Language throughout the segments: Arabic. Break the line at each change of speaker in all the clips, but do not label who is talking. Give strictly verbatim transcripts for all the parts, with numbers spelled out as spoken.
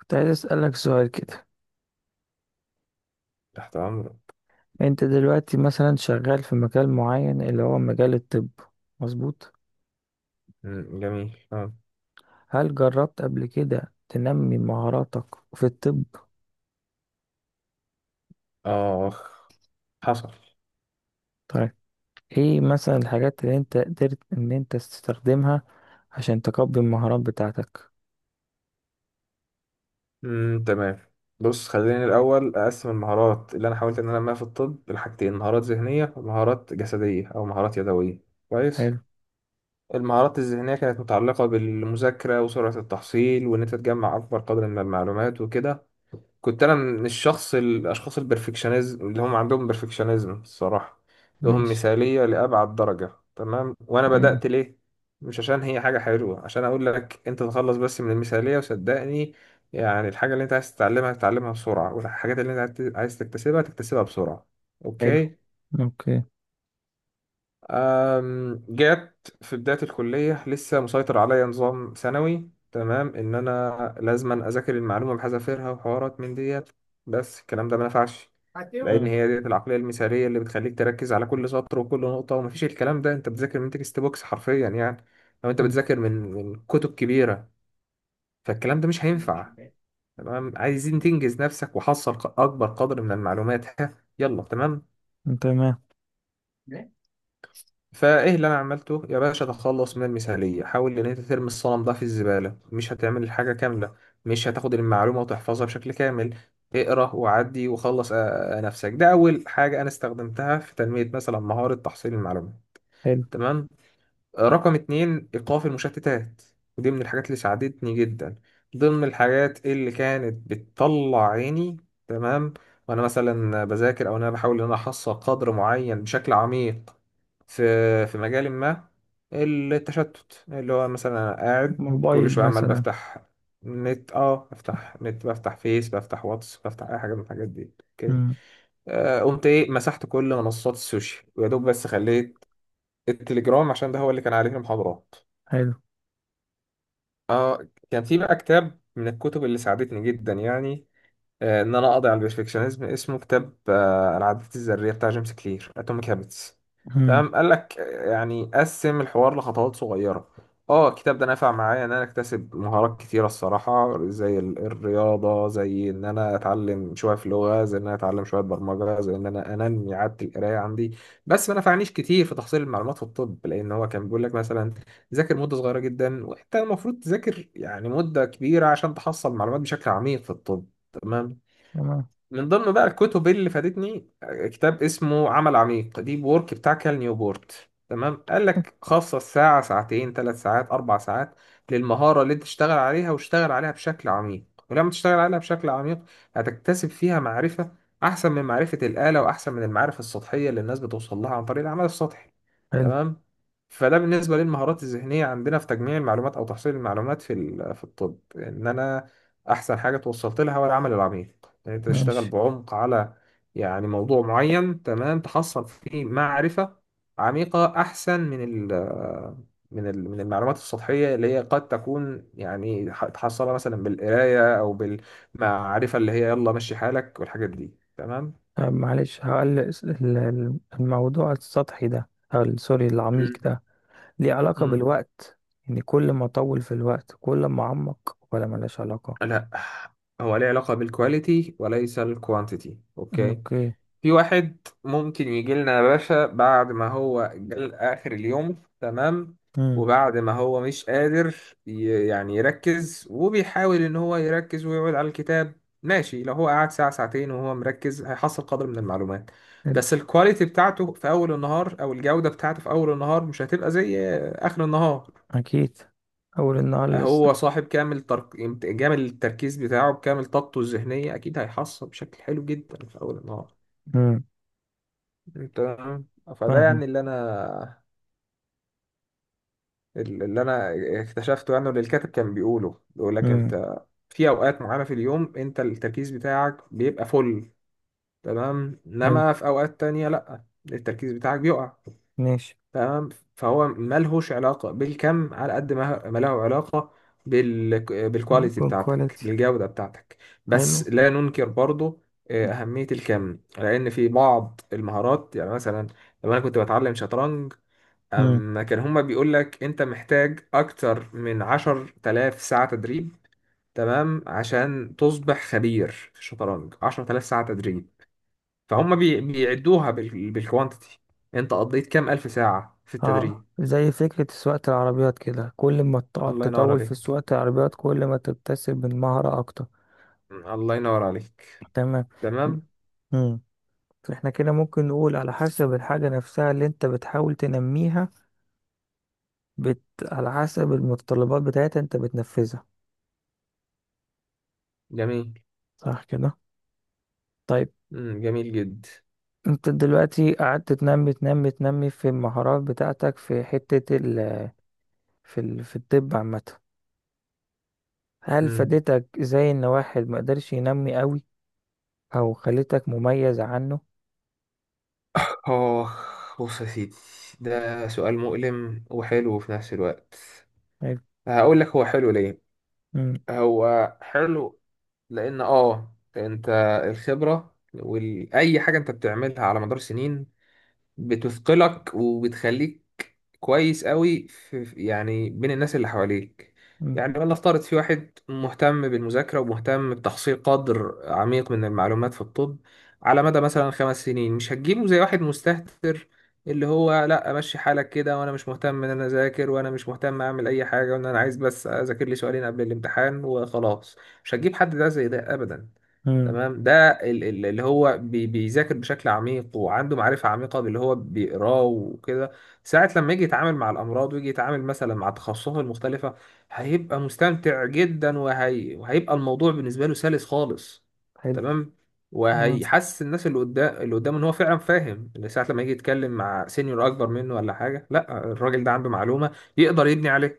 كنت عايز أسألك سؤال كده.
تحت أمرك.
أنت دلوقتي مثلا شغال في مجال معين اللي هو مجال الطب. مظبوط؟
مم، جميل. آه،
هل جربت قبل كده تنمي مهاراتك في الطب؟
آخ، حصل.
طيب، إيه مثلا الحاجات اللي أنت قدرت إن أنت تستخدمها عشان تقوي المهارات بتاعتك؟
مم، تمام. بص، خليني الأول أقسم المهارات اللي أنا حاولت إن أنا أنميها في الطب لحاجتين: مهارات ذهنية، ومهارات جسدية أو مهارات يدوية. كويس.
حلو.
المهارات الذهنية كانت متعلقة بالمذاكرة وسرعة التحصيل، وإن أنت تجمع أكبر قدر من المعلومات وكده. كنت انا من الشخص الاشخاص البرفكشنزم اللي هم عندهم برفكشنزم الصراحه، عندهم
ماشي.
مثاليه لابعد درجه. تمام. وانا
تمام.
بدات ليه؟ مش عشان هي حاجه حلوه، عشان اقول لك انت تخلص بس من المثاليه وصدقني، يعني الحاجه اللي انت عايز تتعلمها تتعلمها بسرعه، والحاجات اللي انت عايز عايز تكتسبها تكتسبها بسرعه.
حلو.
اوكي.
أوكي.
أم، جات في بداية الكلية لسه مسيطر عليا نظام ثانوي، تمام، إن أنا لازما أذاكر المعلومة بحذافيرها وحوارات من ديت. بس الكلام ده ما نفعش، لأن
مم.
هي ديت العقلية المثالية اللي بتخليك تركز على كل سطر وكل نقطة، ومفيش الكلام ده. أنت بتذاكر من تكست بوكس حرفيا، يعني لو أنت
مم.
بتذاكر من من كتب كبيرة، فالكلام ده مش هينفع. تمام، عايزين تنجز نفسك وحصل ق- أكبر قدر من المعلومات. ها، يلا تمام.
تمام.
فايه اللي انا عملته يا باشا؟ تخلص من المثاليه، حاول ان انت ترمي الصنم ده في الزباله. مش هتعمل الحاجه كامله، مش هتاخد المعلومه وتحفظها بشكل كامل. اقرا وعدي وخلص آه، نفسك. ده اول حاجه انا استخدمتها في تنميه مثلا مهاره تحصيل المعلومات.
حلو.
تمام. رقم اتنين: إيقاف المشتتات. ودي من الحاجات اللي ساعدتني جدا، ضمن الحاجات اللي كانت بتطلع عيني. تمام، وأنا مثلا بذاكر أو أنا بحاول إن أنا أحصل قدر معين بشكل عميق في في مجال ما. التشتت اللي هو مثلا أنا قاعد كل
موبايل
شوية عمال
مثلا.
بفتح نت، اه، بفتح نت، بفتح فيس، بفتح واتس، بفتح أي حاجة من الحاجات دي. أوكي.
مم.
آه، قمت ايه؟ مسحت كل منصات السوشيال ويا دوب بس خليت التليجرام عشان ده هو اللي كان عليه المحاضرات.
حلو.
اه، كان في بقى كتاب من الكتب اللي ساعدتني جدا، يعني آه، ان انا اقضي على البرفكشنزم، اسمه كتاب آه، العادات الذريه بتاع جيمس كلير، اتوميك هابتس.
مم.
تمام، قال لك آه، يعني قسم الحوار لخطوات صغيره. اه، الكتاب ده نفع معايا ان انا اكتسب مهارات كتيره الصراحه، زي ال- الرياضه، زي ان انا اتعلم شويه في لغه، زي ان انا اتعلم شويه برمجه، زي ان انا انمي عاده القرايه عندي. بس ما نفعنيش كتير في تحصيل المعلومات في الطب، لان هو كان بيقول لك مثلا ذاكر مده صغيره جدا، وانت المفروض تذاكر يعني مده كبيره عشان تحصل معلومات بشكل عميق في الطب. تمام.
تمام.
من ضمن بقى الكتب اللي فادتني، كتاب اسمه عمل عميق، ديب وورك بتاع كال نيوبورت. تمام، قال لك خصص ساعة، ساعتين، ثلاث ساعات، أربع ساعات للمهارة اللي أنت تشتغل عليها، واشتغل عليها بشكل عميق. ولما تشتغل عليها بشكل عميق هتكتسب فيها معرفة أحسن من معرفة الآلة، وأحسن من المعارف السطحية اللي الناس بتوصل لها عن طريق العمل السطحي.
حلو.
تمام. فده بالنسبة للمهارات الذهنية عندنا في تجميع المعلومات أو تحصيل المعلومات في ال- في الطب. إن أنا أحسن حاجة توصلت لها هو العمل العميق، إن أنت تشتغل
ماشي.
بعمق على يعني موضوع معين. تمام، تحصل فيه معرفة عميقة أحسن من ال من ال من المعلومات السطحية اللي هي قد تكون، يعني ح- تحصلها مثلا بالقراية أو بالمعرفة اللي هي يلا مشي حالك والحاجات دي. تمام.
آه، معلش، هقول الس- ال- ال- الموضوع السطحي ده أو ال- سوري العميق ده، ليه علاقة
مم.
بالوقت؟ يعني كل ما أطول في الوقت كل ما أعمق، ولا ملهاش علاقة؟
لا، هو ليه علاقة بالكواليتي وليس الكوانتيتي. اوكي.
أوكي.
في واحد ممكن يجي لنا يا باشا بعد ما هو جال اخر اليوم، تمام،
امم.
وبعد ما هو مش قادر ي- يعني يركز، وبيحاول ان هو يركز ويقعد على الكتاب، ماشي. لو هو قعد ساعة ساعتين وهو مركز هيحصل قدر من المعلومات،
حلو.
بس الكواليتي بتاعته في اول النهار، او الجودة بتاعته في اول النهار، مش هتبقى زي اخر النهار.
أكيد. أول النهار لسه.
هو صاحب كامل ترك... كامل التركيز بتاعه، بكامل طاقته الذهنية أكيد هيحصل بشكل حلو جدا في أول النهار.
امم.
أنت آه، فده
فاهمة.
يعني اللي أنا اللي أنا اكتشفته، يعني واللي الكاتب كان بيقوله، بيقول لك
امم.
أنت في أوقات معينة في اليوم أنت التركيز بتاعك بيبقى فل، تمام،
حلو.
إنما في أوقات تانية لأ، التركيز بتاعك بيقع.
ماشي.
تمام. فهو ملهوش علاقة بالكم على قد ما ما له علاقة بال... بالكواليتي
جود
بتاعتك،
كواليتي.
بالجودة بتاعتك. بس
حلو.
لا ننكر برضو آه، أهمية الكم، لأن في بعض المهارات يعني مثلا لما أنا كنت بتعلم شطرنج
امم.
أما كان هما بيقول لك أنت محتاج أكتر من عشر تلاف ساعة تدريب. تمام، عشان تصبح خبير في الشطرنج عشر تلاف ساعة تدريب. فهم بي... بيعدوها بال... بالكوانتيتي، أنت قضيت كام ألف ساعة في
اه،
التدريب.
زي فكرة سواقة العربيات كده، كل ما تقعد
الله ينور
تطول في
عليك.
سواقة العربيات كل ما تكتسب من مهارة أكتر.
مم، الله ينور عليك.
تمام.
تمام.
مم. احنا كده ممكن نقول على حسب الحاجة نفسها اللي انت بتحاول تنميها، بت... على حسب المتطلبات بتاعتها انت بتنفذها.
جميل.
صح كده؟ طيب،
مم، جميل جدا.
انت دلوقتي قعدت تنمي تنمي تنمي في المهارات بتاعتك في حتة ال... في ال... في الطب عامة. هل
مم.
فادتك زي ان واحد ما قدرش ينمي قوي، او خلتك مميز عنه؟
اه، بص يا سيدي، ده سؤال مؤلم وحلو في نفس الوقت.
حلو.
هقول لك هو حلو ليه.
مم.
هو حلو لان اه انت الخبرة واي حاجة انت بتعملها على مدار سنين بتثقلك وبتخليك كويس قوي في في- يعني بين الناس اللي حواليك.
مم.
يعني ولنفترض في واحد مهتم بالمذاكرة ومهتم بتحصيل قدر عميق من المعلومات في الطب على مدى مثلا خمس سنين، مش هتجيبه زي واحد مستهتر اللي هو لا امشي حالك كده، وانا مش مهتم ان انا اذاكر، وانا مش مهتم اعمل اي حاجة، وان انا عايز بس اذاكر لي سؤالين قبل الامتحان وخلاص. مش هتجيب حد ده زي ده ابدا.
مم.
تمام. ده ال- ال- اللي هو بي- بيذاكر بشكل عميق وعنده معرفة عميقة باللي هو بيقراه وكده، ساعة لما يجي يتعامل مع الأمراض، ويجي يتعامل مثلا مع تخصصاته المختلفة، هيبقى مستمتع جدا وهي... وهيبقى الموضوع بالنسبة له سلس خالص.
حلو.
تمام.
تمام.
وهيحسس الناس اللي قدام اللي قدامه ان هو فعلا فاهم اللي، ساعة لما يجي يتكلم مع سينيور اكبر منه ولا حاجة، لا الراجل ده عنده معلومة يقدر يبني عليها.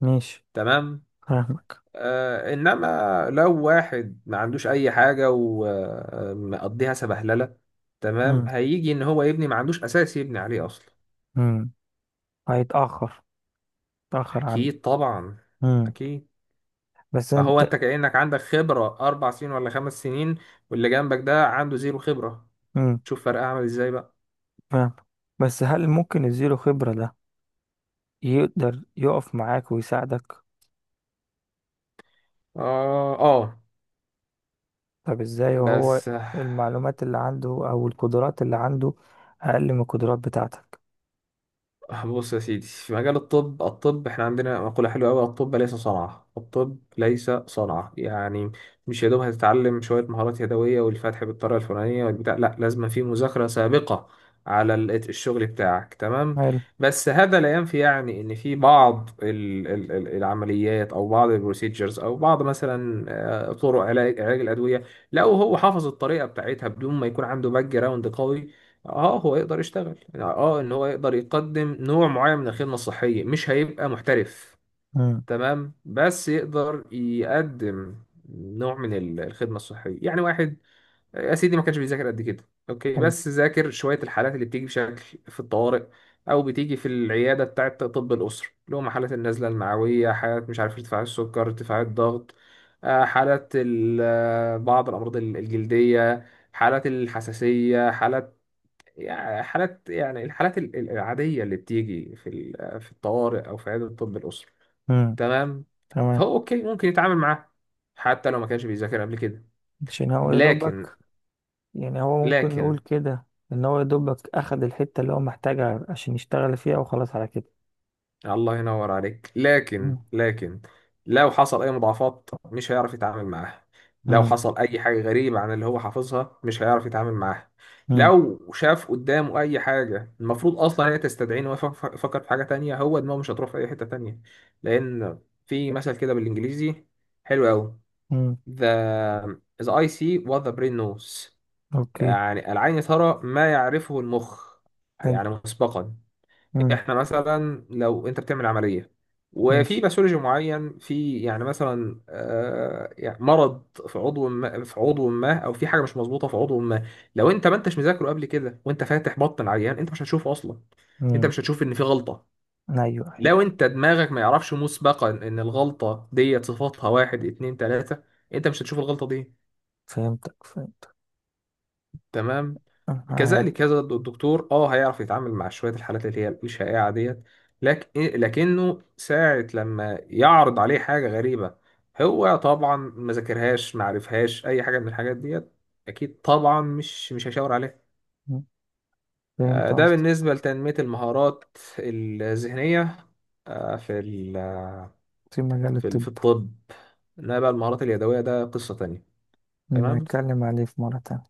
ماشي.
تمام.
فاهمك.
آه، انما لو واحد ما عندوش اي حاجه ومقضيها سبهلله،
مم.
تمام، هيجي ان هو يبني ما عندوش اساس يبني عليه اصلا.
مم. هيتأخر. تأخر عنه.
اكيد طبعا،
مم.
اكيد.
بس
فهو
انت.
انت كانك عندك خبره اربع سنين ولا خمس سنين، واللي جنبك ده عنده زيرو خبره،
امم.
شوف فرق عامل ازاي بقى.
فاهم. بس هل ممكن الزيرو خبرة ده يقدر يقف معاك ويساعدك؟
اه، اه،
طب ازاي وهو
بس
المعلومات اللي عنده او القدرات اللي عنده اقل من القدرات بتاعتك؟
آه، بص يا سيدي، في مجال الطب، الطب احنا عندنا مقولة حلوة أوي: الطب ليس صنعة، الطب ليس صنعة، يعني مش يا دوب هتتعلم شوية مهارات يدوية والفتح بالطريقة الفلانية والبتاع، لا، لازم في مذاكرة سابقة على ال- الشغل بتاعك. تمام.
حلو.
بس هذا لا ينفي يعني ان في بعض ال- ال- ال- العمليات، او بعض البروسيجرز، او بعض مثلا آه، طرق علاج علاج الادويه، لو هو حافظ الطريقه بتاعتها بدون ما يكون عنده باك جراوند قوي، اه هو يقدر يشتغل، يعني اه ان هو يقدر يقدم نوع معين من الخدمة الصحية، مش هيبقى محترف.
امم.
تمام، بس يقدر يقدم نوع من ال- الخدمة الصحية. يعني واحد يا سيدي ما كانش بيذاكر قد كده، اوكي،
حلو.
بس ذاكر شوية الحالات اللي بتيجي بشكل في الطوارئ او بتيجي في العيادة بتاعة طب الأسرة، اللي هم حالات النزلة المعوية، حالات مش عارف ارتفاع السكر، ارتفاع الضغط، آه، حالات ال- آه، بعض الأمراض الجلدية، حالات الحساسية، حالات، يعني حالات، يعني الحالات ال- ال- العادية اللي بتيجي في ال- في الطوارئ أو في عيادة الطب الأسري.
امم.
تمام.
تمام.
فهو أوكي ممكن يتعامل معاه حتى لو ما كانش بيذاكر قبل كده.
عشان هو يا
لكن
دوبك. يعني هو ممكن نقول
لكن
كده ان هو يا دوبك اخد الحتة اللي هو محتاجها عشان يشتغل فيها وخلاص على كده.
الله ينور عليك. لكن
امم.
لكن لو حصل اي مضاعفات مش هيعرف يتعامل معاها، لو
امم.
حصل اي حاجه غريبه عن اللي هو حافظها مش هيعرف يتعامل معاها،
امم.
لو شاف قدامه اي حاجه المفروض اصلا هي تستدعيه ان هو يفك- يفكر في حاجه تانية، هو دماغه مش هتروح في اي حته تانية، لان في مثل كده بالانجليزي حلو قوي:
امم.
the the eye see what the brain knows.
اوكي.
يعني العين ترى ما يعرفه المخ،
حلو.
يعني مسبقا.
امم.
احنا مثلا لو انت بتعمل عمليه، وفي
ماشي.
باثولوجي معين، في يعني مثلا آه، يعني مرض في عضو ما في عضو ما، او في حاجه مش مظبوطه في عضو ما، لو انت ما انتش مذاكره قبل كده وانت فاتح بطن العيان انت مش هتشوفه اصلا، انت
امم.
مش هتشوف ان في غلطه،
ايوه،
لو
ايوه.
انت دماغك ما يعرفش مسبقا ان الغلطه ديت صفاتها واحد اتنين تلاته، انت مش هتشوف الغلطه دي.
فهمتك، فهمتك.
تمام.
آه.
كذلك هذا الدكتور اه هيعرف يتعامل مع شويه الحالات اللي هي مش شائعه ديت، لكن لكنه ساعه لما يعرض عليه حاجه غريبه، هو طبعا ما ذاكرهاش ما عرفهاش اي حاجه من الحاجات ديت، اكيد طبعا مش مش هيشاور عليها. آه،
فهمت
ده
قصدك.
بالنسبه لتنميه المهارات الذهنيه، آه، في ال-
في مجال
في ال-
الطب.
في الطب. انما بقى المهارات اليدويه ده قصه تانية.
نبقى
تمام،
نتكلم عليه في مرة تانية.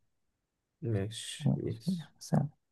ماشي
ماشي.
يعني، سلام.